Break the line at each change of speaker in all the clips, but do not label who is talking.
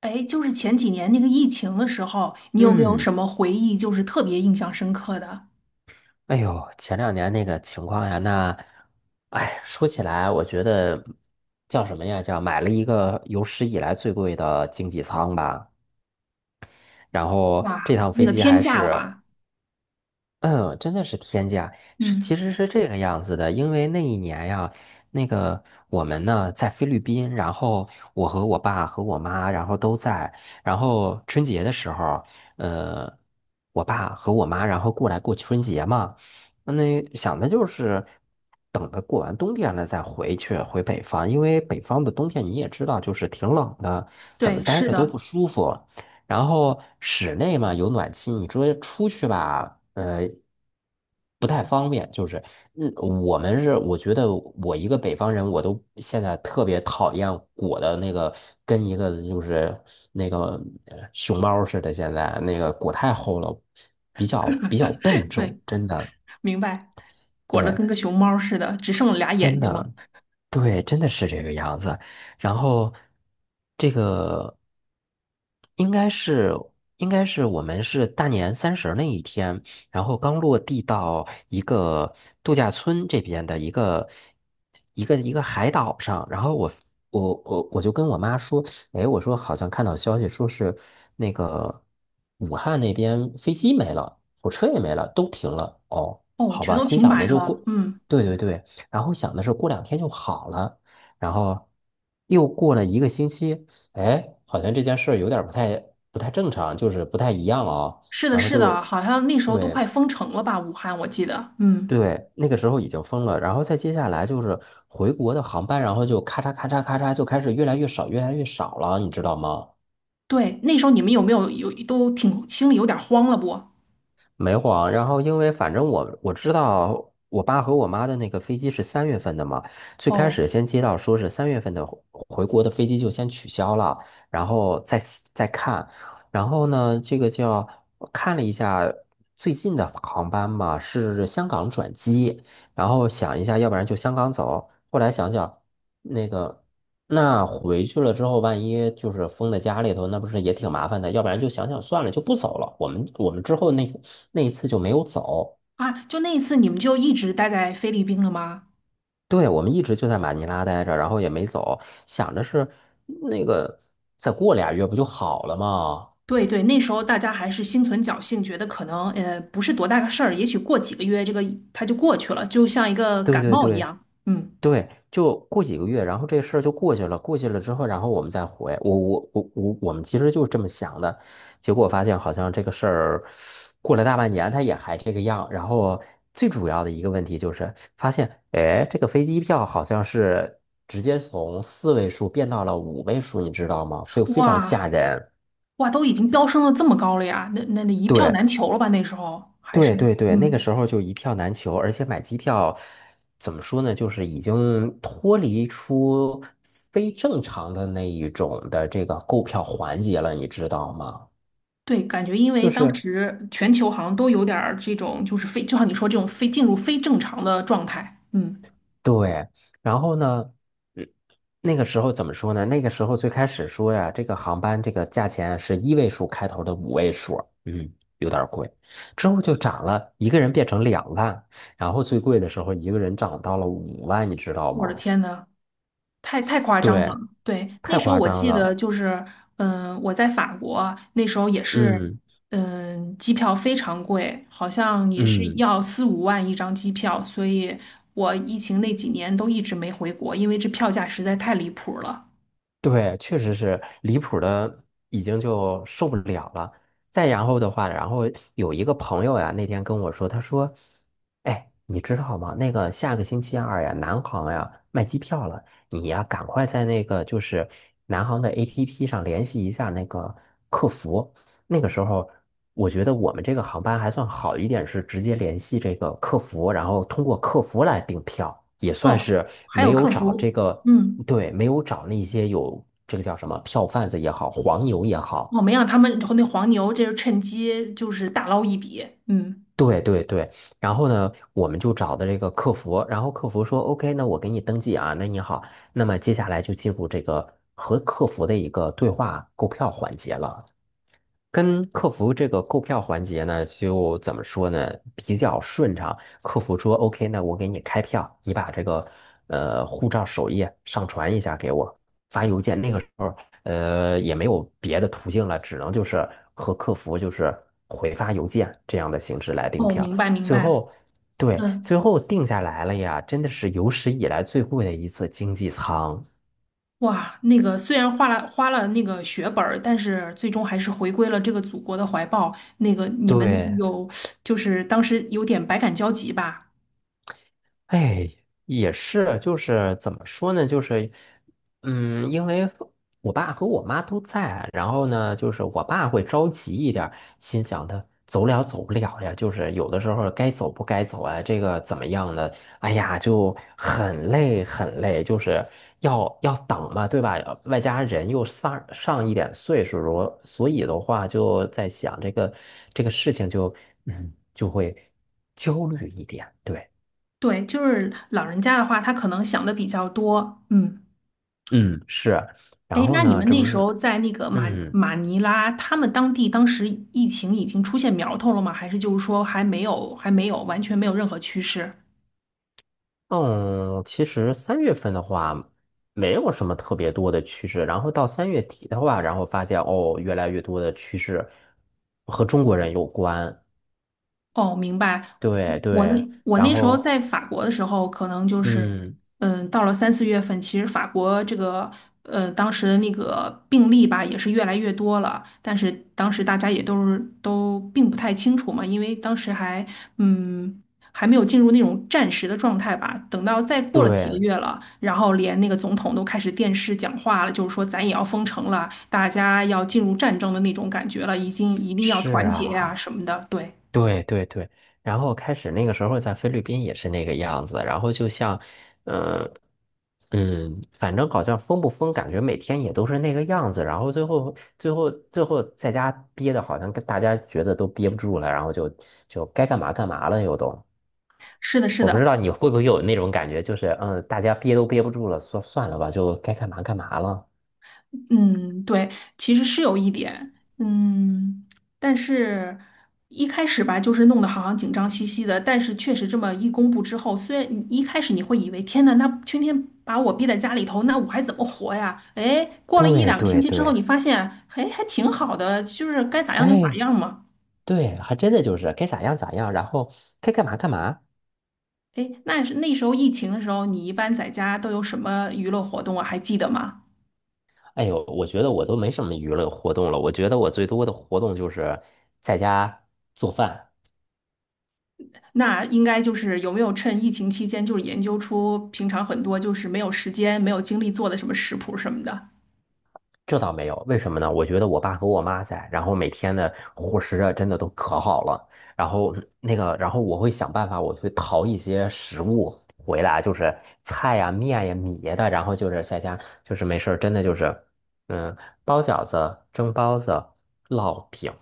哎，就是前几年那个疫情的时候，你有没有什
嗯，
么回忆，就是特别印象深刻的？
哎呦，前两年那个情况呀，那，哎，说起来，我觉得叫什么呀？叫买了一个有史以来最贵的经济舱吧。然后
哇，
这趟
那
飞
个
机
天
还
价了
是
吧？
嗯，真的是天价，是
嗯，
其实是这个样子的，因为那一年呀，那个我们呢在菲律宾，然后我和我爸和我妈，然后都在，然后春节的时候，呃，我爸和我妈然后过来过春节嘛，那想的就是等着过完冬天了再回去回北方，因为北方的冬天你也知道，就是挺冷的，怎么
对，
待
是
着都不
的。
舒服。然后室内嘛有暖气，你说出去吧，嗯，我们是，我觉得我一个北方人，我都现在特别讨厌裹的那个，跟一个就是那个熊猫似的，现在那个裹太厚了，比较笨重，
对，
真的。
明白，裹得
对，
跟个熊猫似的，只剩俩眼
真
睛了。
的，对，真的是这个样子。然后，这个应该是应该是我们是大年三十那一天，然后刚落地到一个度假村这边的一个一个海岛上，然后我就跟我妈说，哎，我说好像看到消息说是那个武汉那边飞机没了，火车也没了，都停了。哦，
哦，
好
全
吧，
都
心
停
想的
摆
就
了。
过。
嗯，
对对对，然后想的是过两天就好了，然后又过了一个星期，哎，好像这件事儿有点儿不太正常，就是不太一样哦。
是的，
然后
是的，
就
好像那时候都
对
快封城了吧？武汉，我记得。嗯，
对，那个时候已经疯了。然后再接下来就是回国的航班，然后就咔嚓咔嚓咔嚓就开始越来越少，越来越少了，你知道吗？
对，那时候你们有没有都挺心里有点慌了不？
没晃，然后因为反正我知道我爸和我妈的那个飞机是三月份的嘛，最开
哦。
始先接到说是三月份的回国的飞机就先取消了，然后再看，然后呢，这个叫我看了一下最近的航班嘛，是香港转机，然后想一下，要不然就香港走，后来想想那个。那回去了之后，万一就是封在家里头，那不是也挺麻烦的？要不然就想想算了，就不走了。我们之后那那一次就没有走，
啊，就那一次你们就一直待在菲律宾了吗？
对，我们一直就在马尼拉待着，然后也没走，想着是那个再过俩月不就好了吗？
对对，那时候大家还是心存侥幸，觉得可能不是多大个事儿，也许过几个月这个它就过去了，就像一个
对
感
对
冒一
对，
样。嗯，
对，就过几个月，然后这事儿就过去了。过去了之后，然后我们再回。我们其实就是这么想的。结果发现好像这个事儿过了大半年，它也还这个样。然后最主要的一个问题就是发现，哎，这个飞机票好像是直接从四位数变到了五位数，你知道吗？非常吓
哇
人。
哇，都已经飙升了这么高了呀，那一票
对，
难求了吧？那时候还
对
是
对对，那个
嗯，
时候就一票难求，而且买机票怎么说呢，就是已经脱离出非正常的那一种的这个购票环节了，你知道吗？
对，感觉因
就
为当
是
时全球好像都有点儿这种，就是非就像你说这种非进入非正常的状态。嗯，
对，然后呢，嗯，那个时候怎么说呢？那个时候最开始说呀，这个航班这个价钱是一位数开头的五位数，嗯，有点儿贵，之后就涨了，一个人变成两万，然后最贵的时候一个人涨到了五万，你知道
我的
吗？
天呐，太夸张了。
对，
对，那
太
时候
夸
我
张
记得
了。
就是，我在法国那时候也是，
嗯
机票非常贵，好像也是
嗯。
要4、5万一张机票，所以我疫情那几年都一直没回国，因为这票价实在太离谱了。
对，确实是离谱的，已经就受不了了。再然后的话，然后有一个朋友呀，那天跟我说，他说：“哎，你知道吗？那个下个星期二呀，南航呀卖机票了，你呀赶快在那个就是南航的 APP 上联系一下那个客服。那个时候，我觉得我们这个航班还算好一点，是直接联系这个客服，然后通过客服来订票，也算
哦，
是
还
没
有
有
客
找这
服。
个。”
嗯，
对，没有找那些有这个叫什么票贩子也好，黄牛也好，
我没让他们和那黄牛，这是趁机就是大捞一笔。嗯，
对对对。然后呢，我们就找的这个客服，然后客服说：“OK,那我给你登记啊，那你好。”那么接下来就进入这个和客服的一个对话购票环节了。跟客服这个购票环节呢，就怎么说呢，比较顺畅。客服说 OK 那我给你开票，你把这个护照首页上传一下给我，发邮件。那个时候也没有别的途径了，只能就是和客服就是回发邮件这样的形式来订
哦，
票。
明白明
最
白。
后，对，
嗯。
最后定下来了呀，真的是有史以来最贵的一次经济舱。
哇，那个虽然花了那个血本儿，但是最终还是回归了这个祖国的怀抱。那个你们
对。
有，就是当时有点百感交集吧？
哎，也是，就是怎么说呢？就是，嗯，因为我爸和我妈都在，然后呢，就是我爸会着急一点儿心想的走了走不了呀，就是有的时候该走不该走啊，这个怎么样呢？哎呀，就很累，就是要等嘛，对吧？外加人又上一点岁数了，所以的话就在想这个这个事情就嗯就会焦虑一点，对。
对，就是老人家的话，他可能想的比较多。嗯，
嗯，是，然
哎，
后
那你
呢，
们
这
那
不
时
是，
候在那个马
嗯
马尼拉，他们当地当时疫情已经出现苗头了吗？还是就是说还没有，还没有，完全没有任何趋势？
嗯，其实三月份的话，没有什么特别多的趋势，然后到三月底的话，然后发现哦，越来越多的趋势和中国人有关，
哦，明白。
对对，
我
然
那时候
后
在法国的时候，可能就是，
嗯，
嗯，到了3、4月份，其实法国这个，当时的那个病例吧，也是越来越多了。但是当时大家也都并不太清楚嘛，因为当时还，嗯，还没有进入那种战时的状态吧。等到再过了几个
对，
月了，然后连那个总统都开始电视讲话了，就是说咱也要封城了，大家要进入战争的那种感觉了，已经一定要
是
团结呀、
啊。
什么的。对，
对对对，然后开始那个时候在菲律宾也是那个样子，然后就像，嗯嗯，反正好像封不封，感觉每天也都是那个样子，然后最后在家憋的，好像跟大家觉得都憋不住了，然后就就该干嘛干嘛了又都。
是的，是
我不
的。
知道你会不会有那种感觉，就是嗯，大家憋都憋不住了，算了吧，就该干嘛干嘛了。
嗯，对，其实是有一点，嗯，但是一开始吧，就是弄得好像紧张兮兮的，但是确实这么一公布之后，虽然你一开始你会以为天呐，那天天把我逼在家里头，那我还怎么活呀？哎，过了一
对
两个星
对
期之后，
对，
你发现，哎，还挺好的，就是该咋样就咋
哎，
样嘛。
对，还真的就是该咋样咋样，然后该干嘛干嘛。
哎，那是那时候疫情的时候，你一般在家都有什么娱乐活动啊？还记得吗？
哎呦，我觉得我都没什么娱乐活动了。我觉得我最多的活动就是在家做饭，
那应该就是有没有趁疫情期间，就是研究出平常很多就是没有时间、没有精力做的什么食谱什么的。
这倒没有。为什么呢？我觉得我爸和我妈在，然后每天的伙食啊，真的都可好了。然后那个，然后我会想办法，我会淘一些食物回来，就是菜呀、面呀、米呀的。然后就是在家，就是没事儿，真的就是，嗯，包饺子、蒸包子、烙饼。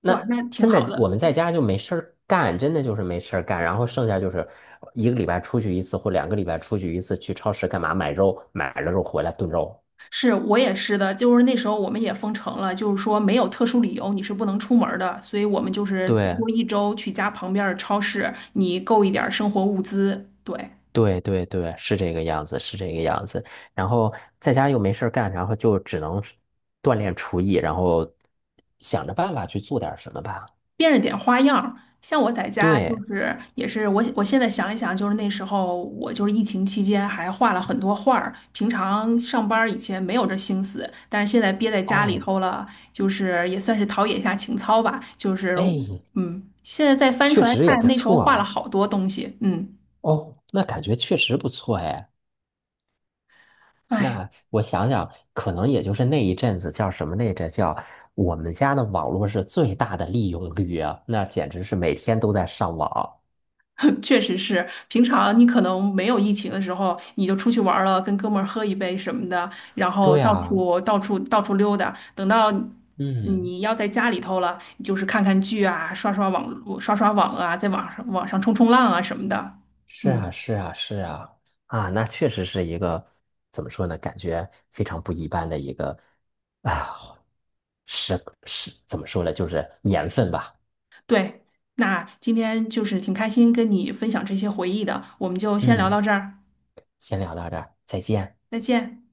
那
哇，那挺
真
好
的我
的。
们在家就没事儿干，真的就是没事儿干，然后剩下就是一个礼拜出去一次或两个礼拜出去一次，去超市干嘛买肉，买了肉回来炖肉。
是我也是的，就是那时候我们也封城了，就是说没有特殊理由你是不能出门儿的，所以我们就是最
对
多一周去家旁边儿的超市，你购一点儿生活物资。对。
对对，是这个样子，是这个样子。然后在家又没事儿干，然后就只能是锻炼厨艺，然后想着办法去做点儿什么吧。
变着点花样儿。像我在家就
对，
是也是我现在想一想，就是那时候我就是疫情期间还画了很多画儿，平常上班儿以前没有这心思，但是现在憋在家里
哦，
头了，就是也算是陶冶一下情操吧。就是
哎，
现在再翻出
确
来
实也
看，
不
那时候
错
画了
哦。
好多东西。嗯，
哦，那感觉确实不错哎。
哎。
那我想想，可能也就是那一阵子叫什么来着？叫我们家的网络是最大的利用率啊，那简直是每天都在上网。
确实是，平常你可能没有疫情的时候，你就出去玩儿了，跟哥们儿喝一杯什么的，然后
对
到
啊，
处到处到处溜达。等到
嗯，
你要在家里头了，你就是看看剧啊，刷刷网络刷刷网啊，在网上冲冲浪啊什么的。
是
嗯，
啊，是啊，是啊，啊，那确实是一个怎么说呢？感觉非常不一般的一个啊，是是怎么说呢？就是年份吧。
对。那今天就是挺开心跟你分享这些回忆的，我们就先聊
嗯，
到这儿，
先聊到这儿，再见。
再见。